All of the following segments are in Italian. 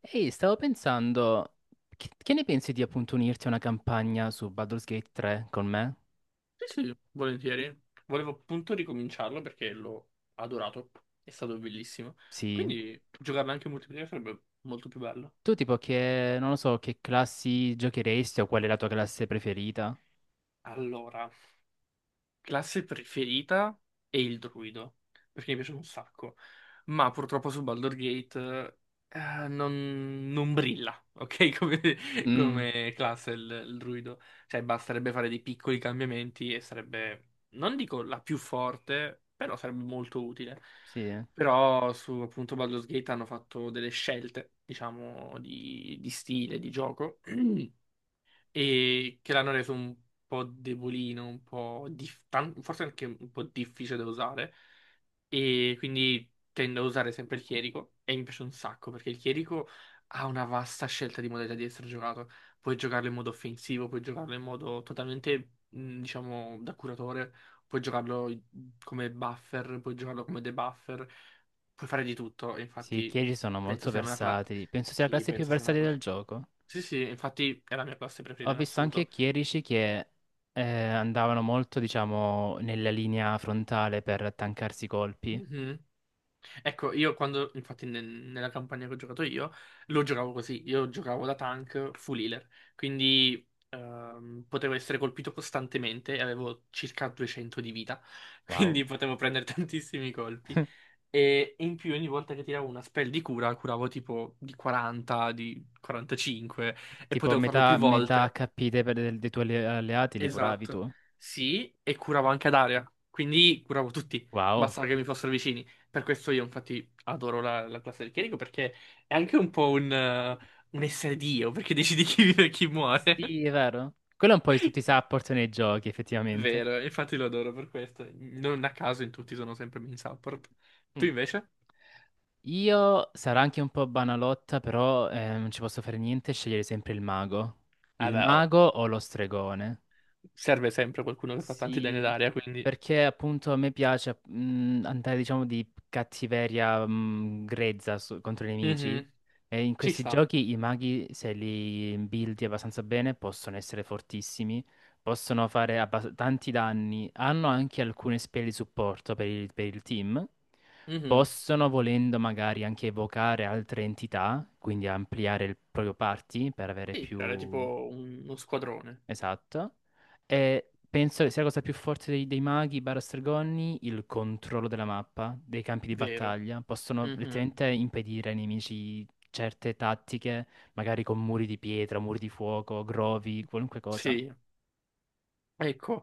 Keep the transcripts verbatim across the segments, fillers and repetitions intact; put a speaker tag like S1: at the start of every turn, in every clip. S1: Ehi, stavo pensando, che, che ne pensi di appunto unirti a una campagna su Baldur's Gate tre con me?
S2: Sì, sì, volentieri. Volevo appunto ricominciarlo perché l'ho adorato. È stato bellissimo.
S1: Sì.
S2: Quindi giocarlo anche in multiplayer sarebbe molto più bello.
S1: Tu tipo che, non lo so, che classi giocheresti o qual è la tua classe preferita?
S2: Allora. Classe preferita è il druido, perché mi piace un sacco, ma purtroppo su Baldur's Gate eh, non, non brilla, ok? Come,
S1: Mm,
S2: come classe il, il druido. Cioè basterebbe fare dei piccoli cambiamenti e sarebbe, non dico la più forte, però sarebbe molto utile.
S1: sì.
S2: Però su appunto Baldur's Gate hanno fatto delle scelte, diciamo, di, di stile, di gioco, e che l'hanno reso un po' debolino, un po' dif- tan- forse anche un po' difficile da usare e quindi tendo a usare sempre il chierico e mi piace un sacco perché il chierico ha una vasta scelta di modalità di essere giocato. Puoi giocarlo in modo offensivo, puoi giocarlo in modo totalmente, mh, diciamo, da curatore, puoi giocarlo come buffer, puoi giocarlo come debuffer, puoi fare di tutto, e
S1: Sì, i
S2: infatti
S1: chierici sono
S2: penso
S1: molto
S2: sia una classe.
S1: versatili. Penso sia la
S2: Sì,
S1: classe più
S2: penso sia una
S1: versatile del
S2: classe.
S1: gioco.
S2: Sì, sì, infatti è la mia classe preferita
S1: Ho
S2: in
S1: visto anche
S2: assoluto.
S1: chierici che eh, andavano molto, diciamo, nella linea frontale per tankarsi i colpi.
S2: Mhm. Ecco, io quando, infatti nel- nella campagna che ho giocato io, lo giocavo così, io giocavo da tank full healer, quindi ehm, potevo essere colpito costantemente e avevo circa duecento di vita,
S1: Wow.
S2: quindi potevo prendere tantissimi colpi. E in più ogni volta che tiravo una spell di cura, curavo tipo di quaranta, di quarantacinque e
S1: Tipo
S2: potevo farlo
S1: metà,
S2: più
S1: metà
S2: volte.
S1: acca pi dei, dei tuoi alle- alleati li curavi
S2: Esatto,
S1: tu?
S2: sì, e curavo anche ad area, quindi curavo tutti,
S1: Wow.
S2: bastava che mi fossero vicini. Per questo io infatti adoro la, la classe del chierico perché è anche un po' un, eh, un essere Dio, perché decidi chi vive e chi muore.
S1: Sì, è vero. Quello è un po' di tutti i support nei giochi, effettivamente.
S2: Vero, infatti lo adoro per questo. Non a caso in tutti sono sempre main support. Tu
S1: Mm.
S2: invece?
S1: Io sarò anche un po' banalotta, però eh, non ci posso fare niente, scegliere sempre il mago.
S2: Eh
S1: Il
S2: beh, oh,
S1: mago o lo stregone?
S2: serve sempre qualcuno che fa tanti danni ad
S1: Sì,
S2: area, quindi...
S1: perché appunto a me piace mh, andare diciamo di cattiveria mh, grezza su- contro i nemici
S2: Mhm.
S1: e in
S2: Ci
S1: questi
S2: sta.
S1: giochi i maghi se li buildi abbastanza bene possono essere fortissimi, possono fare abbas- tanti danni, hanno anche alcune spell di supporto per il, per il team,
S2: Mhm.
S1: possono volendo magari anche evocare altre entità, quindi ampliare il proprio party per avere
S2: Sì, creare
S1: più...
S2: tipo un- uno squadrone.
S1: Esatto. E penso che sia la cosa più forte dei, dei maghi barra stregoni il controllo della mappa, dei campi di
S2: Vero.
S1: battaglia. Possono
S2: Mhm.
S1: letteralmente impedire ai nemici certe tattiche, magari con muri di pietra, muri di fuoco, grovi, qualunque cosa.
S2: Sì. Ecco,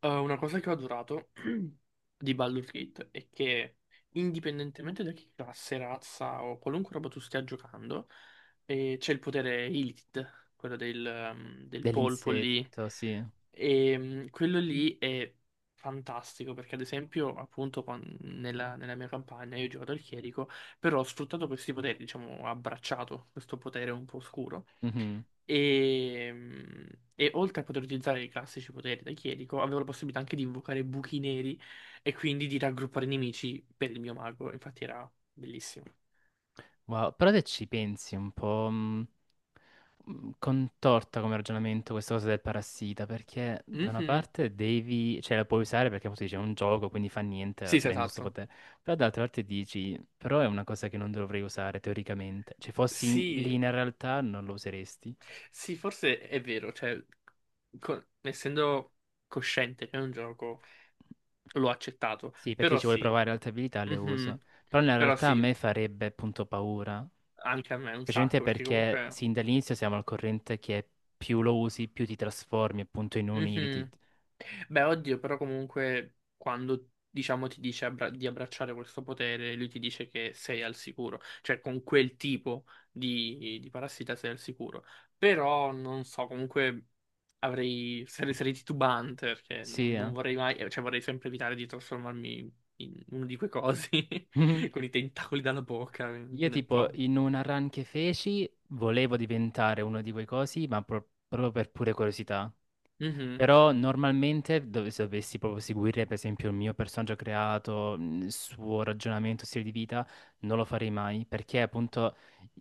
S2: eh, una cosa che ho adorato di Baldur's Gate è che indipendentemente da che classe, razza o qualunque roba tu stia giocando, eh, c'è il potere Illithid, quello del, ehm, del polpo lì,
S1: Dell'insetto, sì.
S2: e mm, quello lì è fantastico perché ad esempio appunto quan- nella, nella mia campagna io ho giocato al chierico, però ho sfruttato questi poteri, diciamo, ho abbracciato questo potere un po' oscuro.
S1: Mhm.
S2: E, mm, e oltre a poter utilizzare i classici poteri da Chierico, avevo la possibilità anche di invocare buchi neri e quindi di raggruppare nemici per il mio mago. Infatti era bellissimo.
S1: Wow, però se ci pensi un po', mh, mh, contorta come ragionamento questa cosa del parassita, perché da una
S2: Mhm.
S1: parte devi, cioè la puoi usare perché appunto dice è un gioco, quindi fa niente, la
S2: Sì, sì,
S1: prendo sto
S2: esatto.
S1: potere, però dall'altra parte dici, però è una cosa che non dovrei usare teoricamente, cioè fossi lì
S2: Sì,
S1: in realtà non lo useresti.
S2: sì, forse è vero, cioè, co- essendo cosciente che è un gioco, l'ho accettato,
S1: Sì, perché
S2: però
S1: ci vuole
S2: sì.
S1: provare altre abilità, le
S2: Mhm.
S1: uso, però in
S2: Però
S1: realtà a
S2: sì,
S1: me farebbe appunto paura,
S2: anche a me un
S1: specialmente
S2: sacco, perché
S1: perché
S2: comunque...
S1: sin dall'inizio siamo al corrente che più lo usi, più ti trasformi appunto in un Irritated.
S2: Mhm. Beh, oddio, però comunque quando diciamo ti dice abbra- di abbracciare questo potere, lui ti dice che sei al sicuro, cioè con quel tipo di, di parassita sei al sicuro. Però non so, comunque avrei sarei, sarei titubante perché
S1: Sì,
S2: non,
S1: eh.
S2: non vorrei mai, eh, cioè vorrei sempre evitare di trasformarmi in uno di quei cosi
S1: Mhm.
S2: con i tentacoli dalla bocca,
S1: Io
S2: quindi è un
S1: tipo
S2: po'.
S1: in una run che feci volevo diventare uno di quei cosi, ma pro- proprio per pure curiosità.
S2: Mhm.
S1: Però normalmente dov- se dovessi proprio seguire per esempio il mio personaggio creato, mh, il suo ragionamento, stile di vita, non lo farei mai perché appunto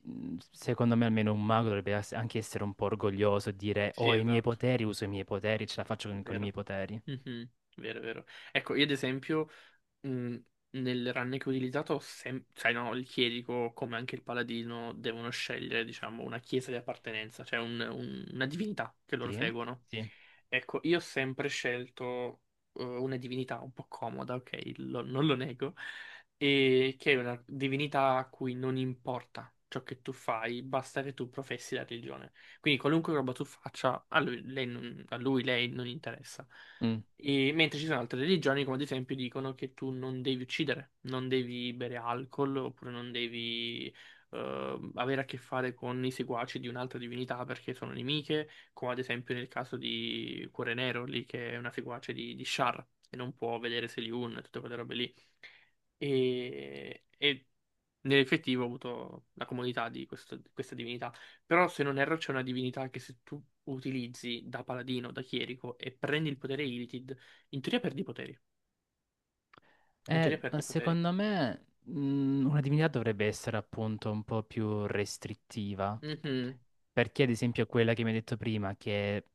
S1: mh, secondo me almeno un mago dovrebbe ass- anche essere un po' orgoglioso, dire
S2: Sì,
S1: ho i miei
S2: esatto,
S1: poteri, uso i miei poteri, ce la faccio con, con i miei
S2: vero.
S1: poteri.
S2: Mhm. Vero, vero. Ecco, io ad esempio. Mm, nel run che ho utilizzato, sem- sai, no, il chierico, come anche il paladino, devono scegliere, diciamo, una chiesa di appartenenza, cioè un- un- una divinità che loro
S1: Sì?
S2: seguono. Ecco, io ho sempre scelto eh, una divinità un po' comoda, ok, lo- non lo nego, e che è una divinità a cui non importa ciò che tu fai, basta che tu professi la religione. Quindi qualunque roba tu faccia, a lui, lei non- a lui, lei non interessa.
S1: Sì.
S2: E- mentre ci sono altre religioni, come ad esempio, dicono che tu non devi uccidere, non devi bere alcol, oppure non devi eh, avere a che fare con i seguaci di un'altra divinità perché sono nemiche, come ad esempio nel caso di Cuore Nero, lì che è una seguace di, di Shar, e non può vedere Seliun e tutte quelle robe lì. E, e nell'effettivo ho avuto la comunità di questo- di questa divinità. Però, se non erro, c'è una divinità che se tu utilizzi da paladino, da chierico e prendi il potere Illithid, in teoria perdi i poteri. In teoria
S1: Eh, ma
S2: perdi i poteri.
S1: secondo me, mh, una divinità dovrebbe essere appunto un po' più restrittiva.
S2: Mhm.
S1: Perché, ad esempio, quella che mi hai detto prima, che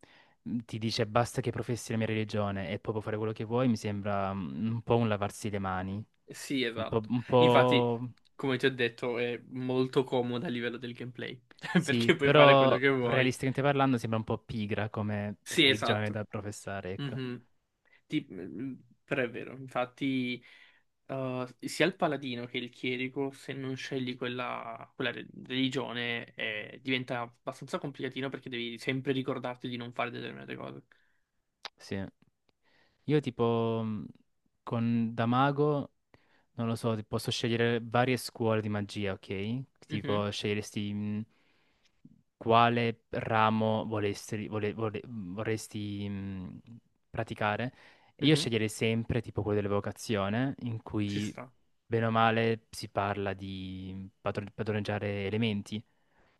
S1: mh, ti dice basta che professi la mia religione e poi puoi fare quello che vuoi, mi sembra mh, un po' un lavarsi le mani.
S2: Sì,
S1: Un po',
S2: esatto.
S1: un
S2: Infatti,
S1: po'...
S2: come ti ho detto, è molto comoda a livello del gameplay.
S1: Sì,
S2: Perché puoi fare quello
S1: però
S2: che vuoi.
S1: realisticamente parlando sembra un po' pigra come
S2: Sì,
S1: religione
S2: esatto.
S1: da professare, ecco.
S2: Mhm. Ti- Però è vero, infatti, eh, sia il paladino che il chierico, se non scegli quella, quella re- religione, eh, diventa abbastanza complicatino perché devi sempre ricordarti di non fare determinate cose.
S1: Sì. Io tipo mh, con da mago, non lo so, posso scegliere varie scuole di magia, ok?
S2: Mhm,
S1: Tipo sceglieresti mh, quale ramo volesti- vole- vole- mhmm, vorresti mh, praticare. E io
S2: mhm,
S1: sceglierei sempre tipo quello dell'evocazione, in
S2: ci
S1: cui
S2: sta.
S1: bene o male si parla di mhmm, padron- padroneggiare elementi.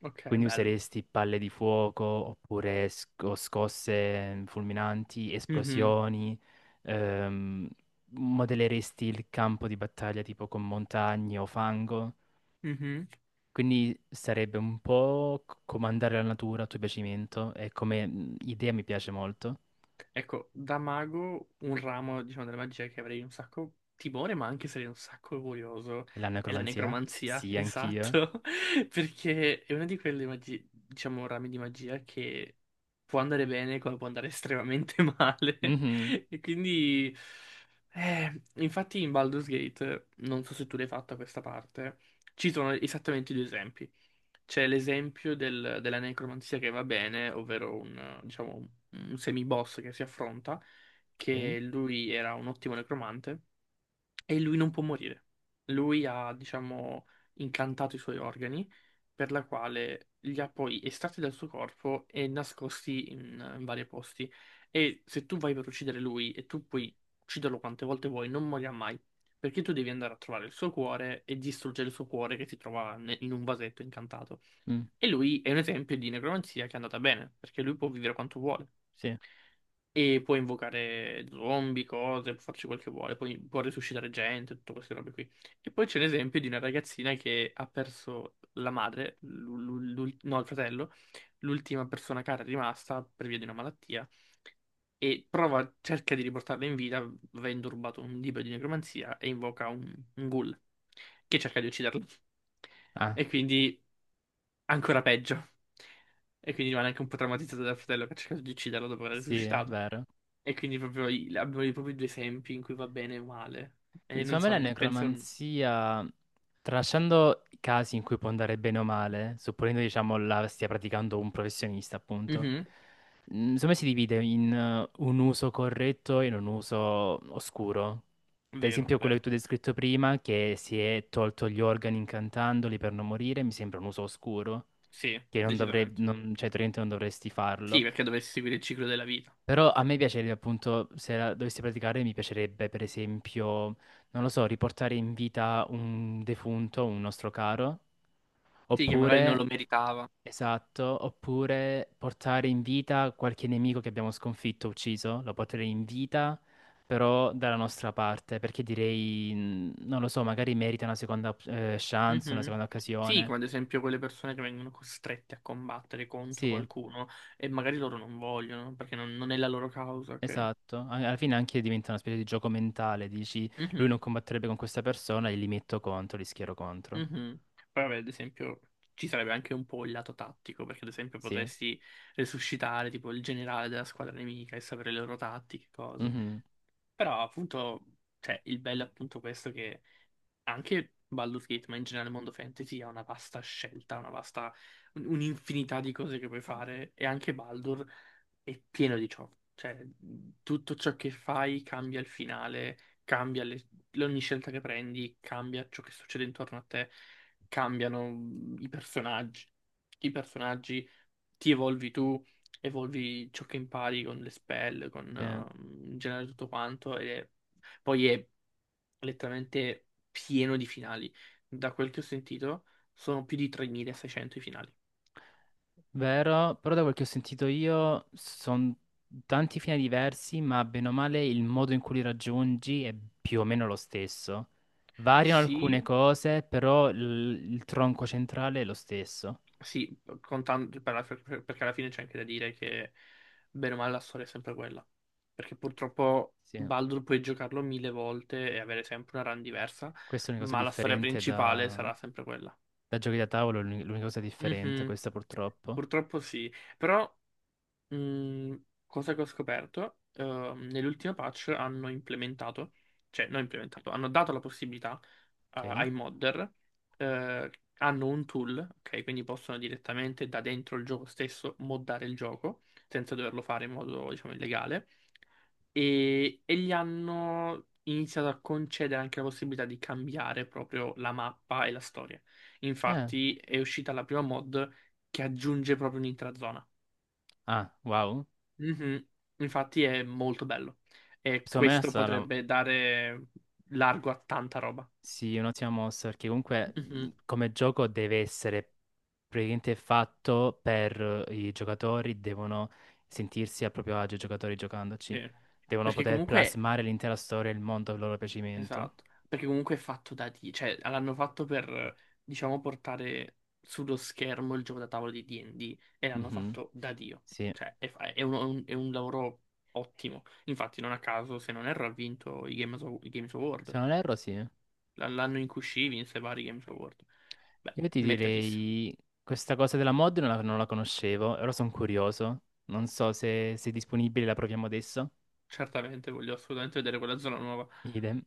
S2: Ok,
S1: Quindi
S2: bello.
S1: useresti palle di fuoco oppure sco- scosse mm, fulminanti,
S2: Mhm,
S1: esplosioni, ehm, modelleresti il campo di battaglia tipo con montagne o fango.
S2: mhm.
S1: Quindi sarebbe un po' c- comandare la natura a tuo piacimento e come mh, idea mi piace molto.
S2: Ecco, da mago un ramo, diciamo, della magia che avrei un sacco timore, ma anche sarei un sacco curioso,
S1: La
S2: è la
S1: necromanzia?
S2: necromanzia,
S1: Sì, anch'io.
S2: esatto, perché è una di quelle magi- diciamo, rami di magia che può andare bene come può andare estremamente male.
S1: Mhm.
S2: E quindi, eh, infatti in Baldur's Gate, non so se tu l'hai fatta questa parte, ci sono esattamente due esempi. C'è l'esempio del- della necromanzia che va bene, ovvero un, diciamo, un un semiboss che si affronta,
S1: Ok.
S2: che lui era un ottimo necromante e lui non può morire. Lui ha, diciamo, incantato i suoi organi, per la quale li ha poi estratti dal suo corpo e nascosti in, in vari posti. E se tu vai per uccidere lui e tu puoi ucciderlo quante volte vuoi, non morirà mai. Perché tu devi andare a trovare il suo cuore e distruggere il suo cuore che si trova ne- in un vasetto incantato.
S1: Mm,
S2: E lui è un esempio di necromanzia che è andata bene, perché lui può vivere quanto vuole.
S1: sì.
S2: E può invocare zombie, cose, può farci quel che vuole, poi può risuscitare gente, tutte queste robe qui. E poi c'è l'esempio di una ragazzina che ha perso la madre, l'u- l'u- l'ul- no, il fratello, l'ultima persona cara rimasta per via di una malattia, e prova, cerca di riportarla in vita avendo rubato un libro di necromanzia e invoca un, un ghoul che cerca di ucciderla.
S1: Ah,
S2: E quindi ancora peggio. E quindi rimane anche un po' traumatizzato dal fratello che ha cercato di ucciderlo dopo aver
S1: sì, è
S2: risuscitato.
S1: vero.
S2: E quindi proprio i- abbiamo i- proprio i due esempi in cui va bene e male. E
S1: Quindi
S2: non
S1: secondo me
S2: so,
S1: la
S2: penso...
S1: necromanzia, tralasciando i casi in cui può andare bene o male, supponendo diciamo la stia praticando un professionista, appunto,
S2: Mhm.
S1: mm, secondo me si divide in eh, un uso corretto e in un uso oscuro. Ad
S2: Vero,
S1: esempio quello
S2: vero.
S1: che tu hai descritto prima, che si è tolto gli organi incantandoli per non morire, mi sembra un uso oscuro,
S2: Sì,
S1: che non dovrei,
S2: decisamente.
S1: non- cioè teoricamente non dovresti
S2: Sì,
S1: farlo.
S2: perché dovessi seguire il ciclo della vita.
S1: Però a me piacerebbe appunto, se la dovessi praticare, mi piacerebbe per esempio, non lo so, riportare in vita un defunto, un nostro caro,
S2: Sì, che magari non
S1: oppure,
S2: lo meritava.
S1: esatto, oppure portare in vita qualche nemico che abbiamo sconfitto, ucciso, lo porterei in vita, però dalla nostra parte, perché direi, mm, non lo so, magari merita una seconda eh, chance, una
S2: Mhm.
S1: seconda
S2: Sì,
S1: occasione.
S2: come ad esempio quelle persone che vengono costrette a combattere contro
S1: Sì.
S2: qualcuno e magari loro non vogliono perché non, non è la loro causa, ok?
S1: Esatto, a- alla fine anche diventa una specie di gioco mentale, dici lui
S2: Mhm.
S1: non combatterebbe con questa persona e li metto contro, li schiero contro.
S2: Mhm. Poi vabbè, ad esempio, ci sarebbe anche un po' il lato tattico, perché ad esempio
S1: Sì.
S2: potresti resuscitare tipo il generale della squadra nemica e sapere le loro tattiche, cose.
S1: Mhm.
S2: Però appunto, cioè, il bello è appunto questo che anche Baldur's Gate, ma in generale il mondo fantasy ha una vasta scelta, una vasta, un- un'infinità di cose che puoi fare e anche Baldur è pieno di ciò. Cioè, tutto ciò che fai cambia il finale, cambia le- ogni scelta che prendi, cambia ciò che succede intorno a te, cambiano i personaggi. I personaggi, ti evolvi tu, evolvi ciò che impari con le spell, con
S1: Sì.
S2: eh, in generale tutto quanto e poi è letteralmente pieno di finali. Da quel che ho sentito, sono più di tremilaseicento i finali.
S1: Vero, però da quel che ho sentito io sono tanti fini diversi, ma bene o male il modo in cui li raggiungi è più o meno lo stesso. Variano alcune
S2: Sì,
S1: cose, però il, il tronco centrale è lo stesso.
S2: sì, contando, per la- per- perché alla fine c'è anche da dire che bene o male la storia è sempre quella. Perché purtroppo
S1: Sì,
S2: Baldur puoi giocarlo mille volte e avere sempre una run diversa,
S1: questa è una cosa
S2: ma la storia
S1: differente
S2: principale
S1: da,
S2: sarà sempre quella.
S1: da giochi da tavolo, è l'unica l'unica cosa differente,
S2: Mhm.
S1: questa purtroppo.
S2: Purtroppo sì, però Mm, cosa che ho scoperto, ehm, nell'ultima patch hanno implementato, cioè non implementato, hanno dato la possibilità eh,
S1: Ok?
S2: ai modder, eh, hanno un tool, ok, quindi possono direttamente da dentro il gioco stesso moddare il gioco senza doverlo fare in modo, diciamo, illegale e, e gli hanno iniziato a concedere anche la possibilità di cambiare proprio la mappa e la storia.
S1: Eh.
S2: Infatti è uscita la prima mod che aggiunge proprio un'intera zona.
S1: Ah, wow.
S2: Mhm. Infatti è molto bello e
S1: Secondo me è
S2: questo
S1: stata
S2: potrebbe dare largo a tanta roba.
S1: sì, un'ottima mossa perché comunque mh,
S2: Mhm.
S1: come gioco deve essere praticamente fatto per eh, i giocatori, devono sentirsi a proprio agio i giocatori giocandoci,
S2: Sì.
S1: devono
S2: Perché
S1: poter
S2: comunque,
S1: plasmare l'intera storia e il mondo a loro piacimento.
S2: esatto, perché comunque è fatto da D, cioè l'hanno fatto per, diciamo, portare sullo schermo il gioco da tavolo di di e di e l'hanno
S1: Mhm.
S2: fatto da Dio.
S1: Sì,
S2: Cioè è, fa- è un, un- è un lavoro ottimo. Infatti non a caso, se non erro, ha vinto i Games, Aw- i Games Award.
S1: se non erro sì. Io
S2: L- L'anno in cui uscì vinse vari Games Award. Beh,
S1: ti
S2: meritatissimo.
S1: direi questa cosa della mod non la, non la conoscevo, ora sono curioso, non so se, se è disponibile, la proviamo adesso.
S2: Certamente, voglio assolutamente vedere quella zona nuova.
S1: Idem.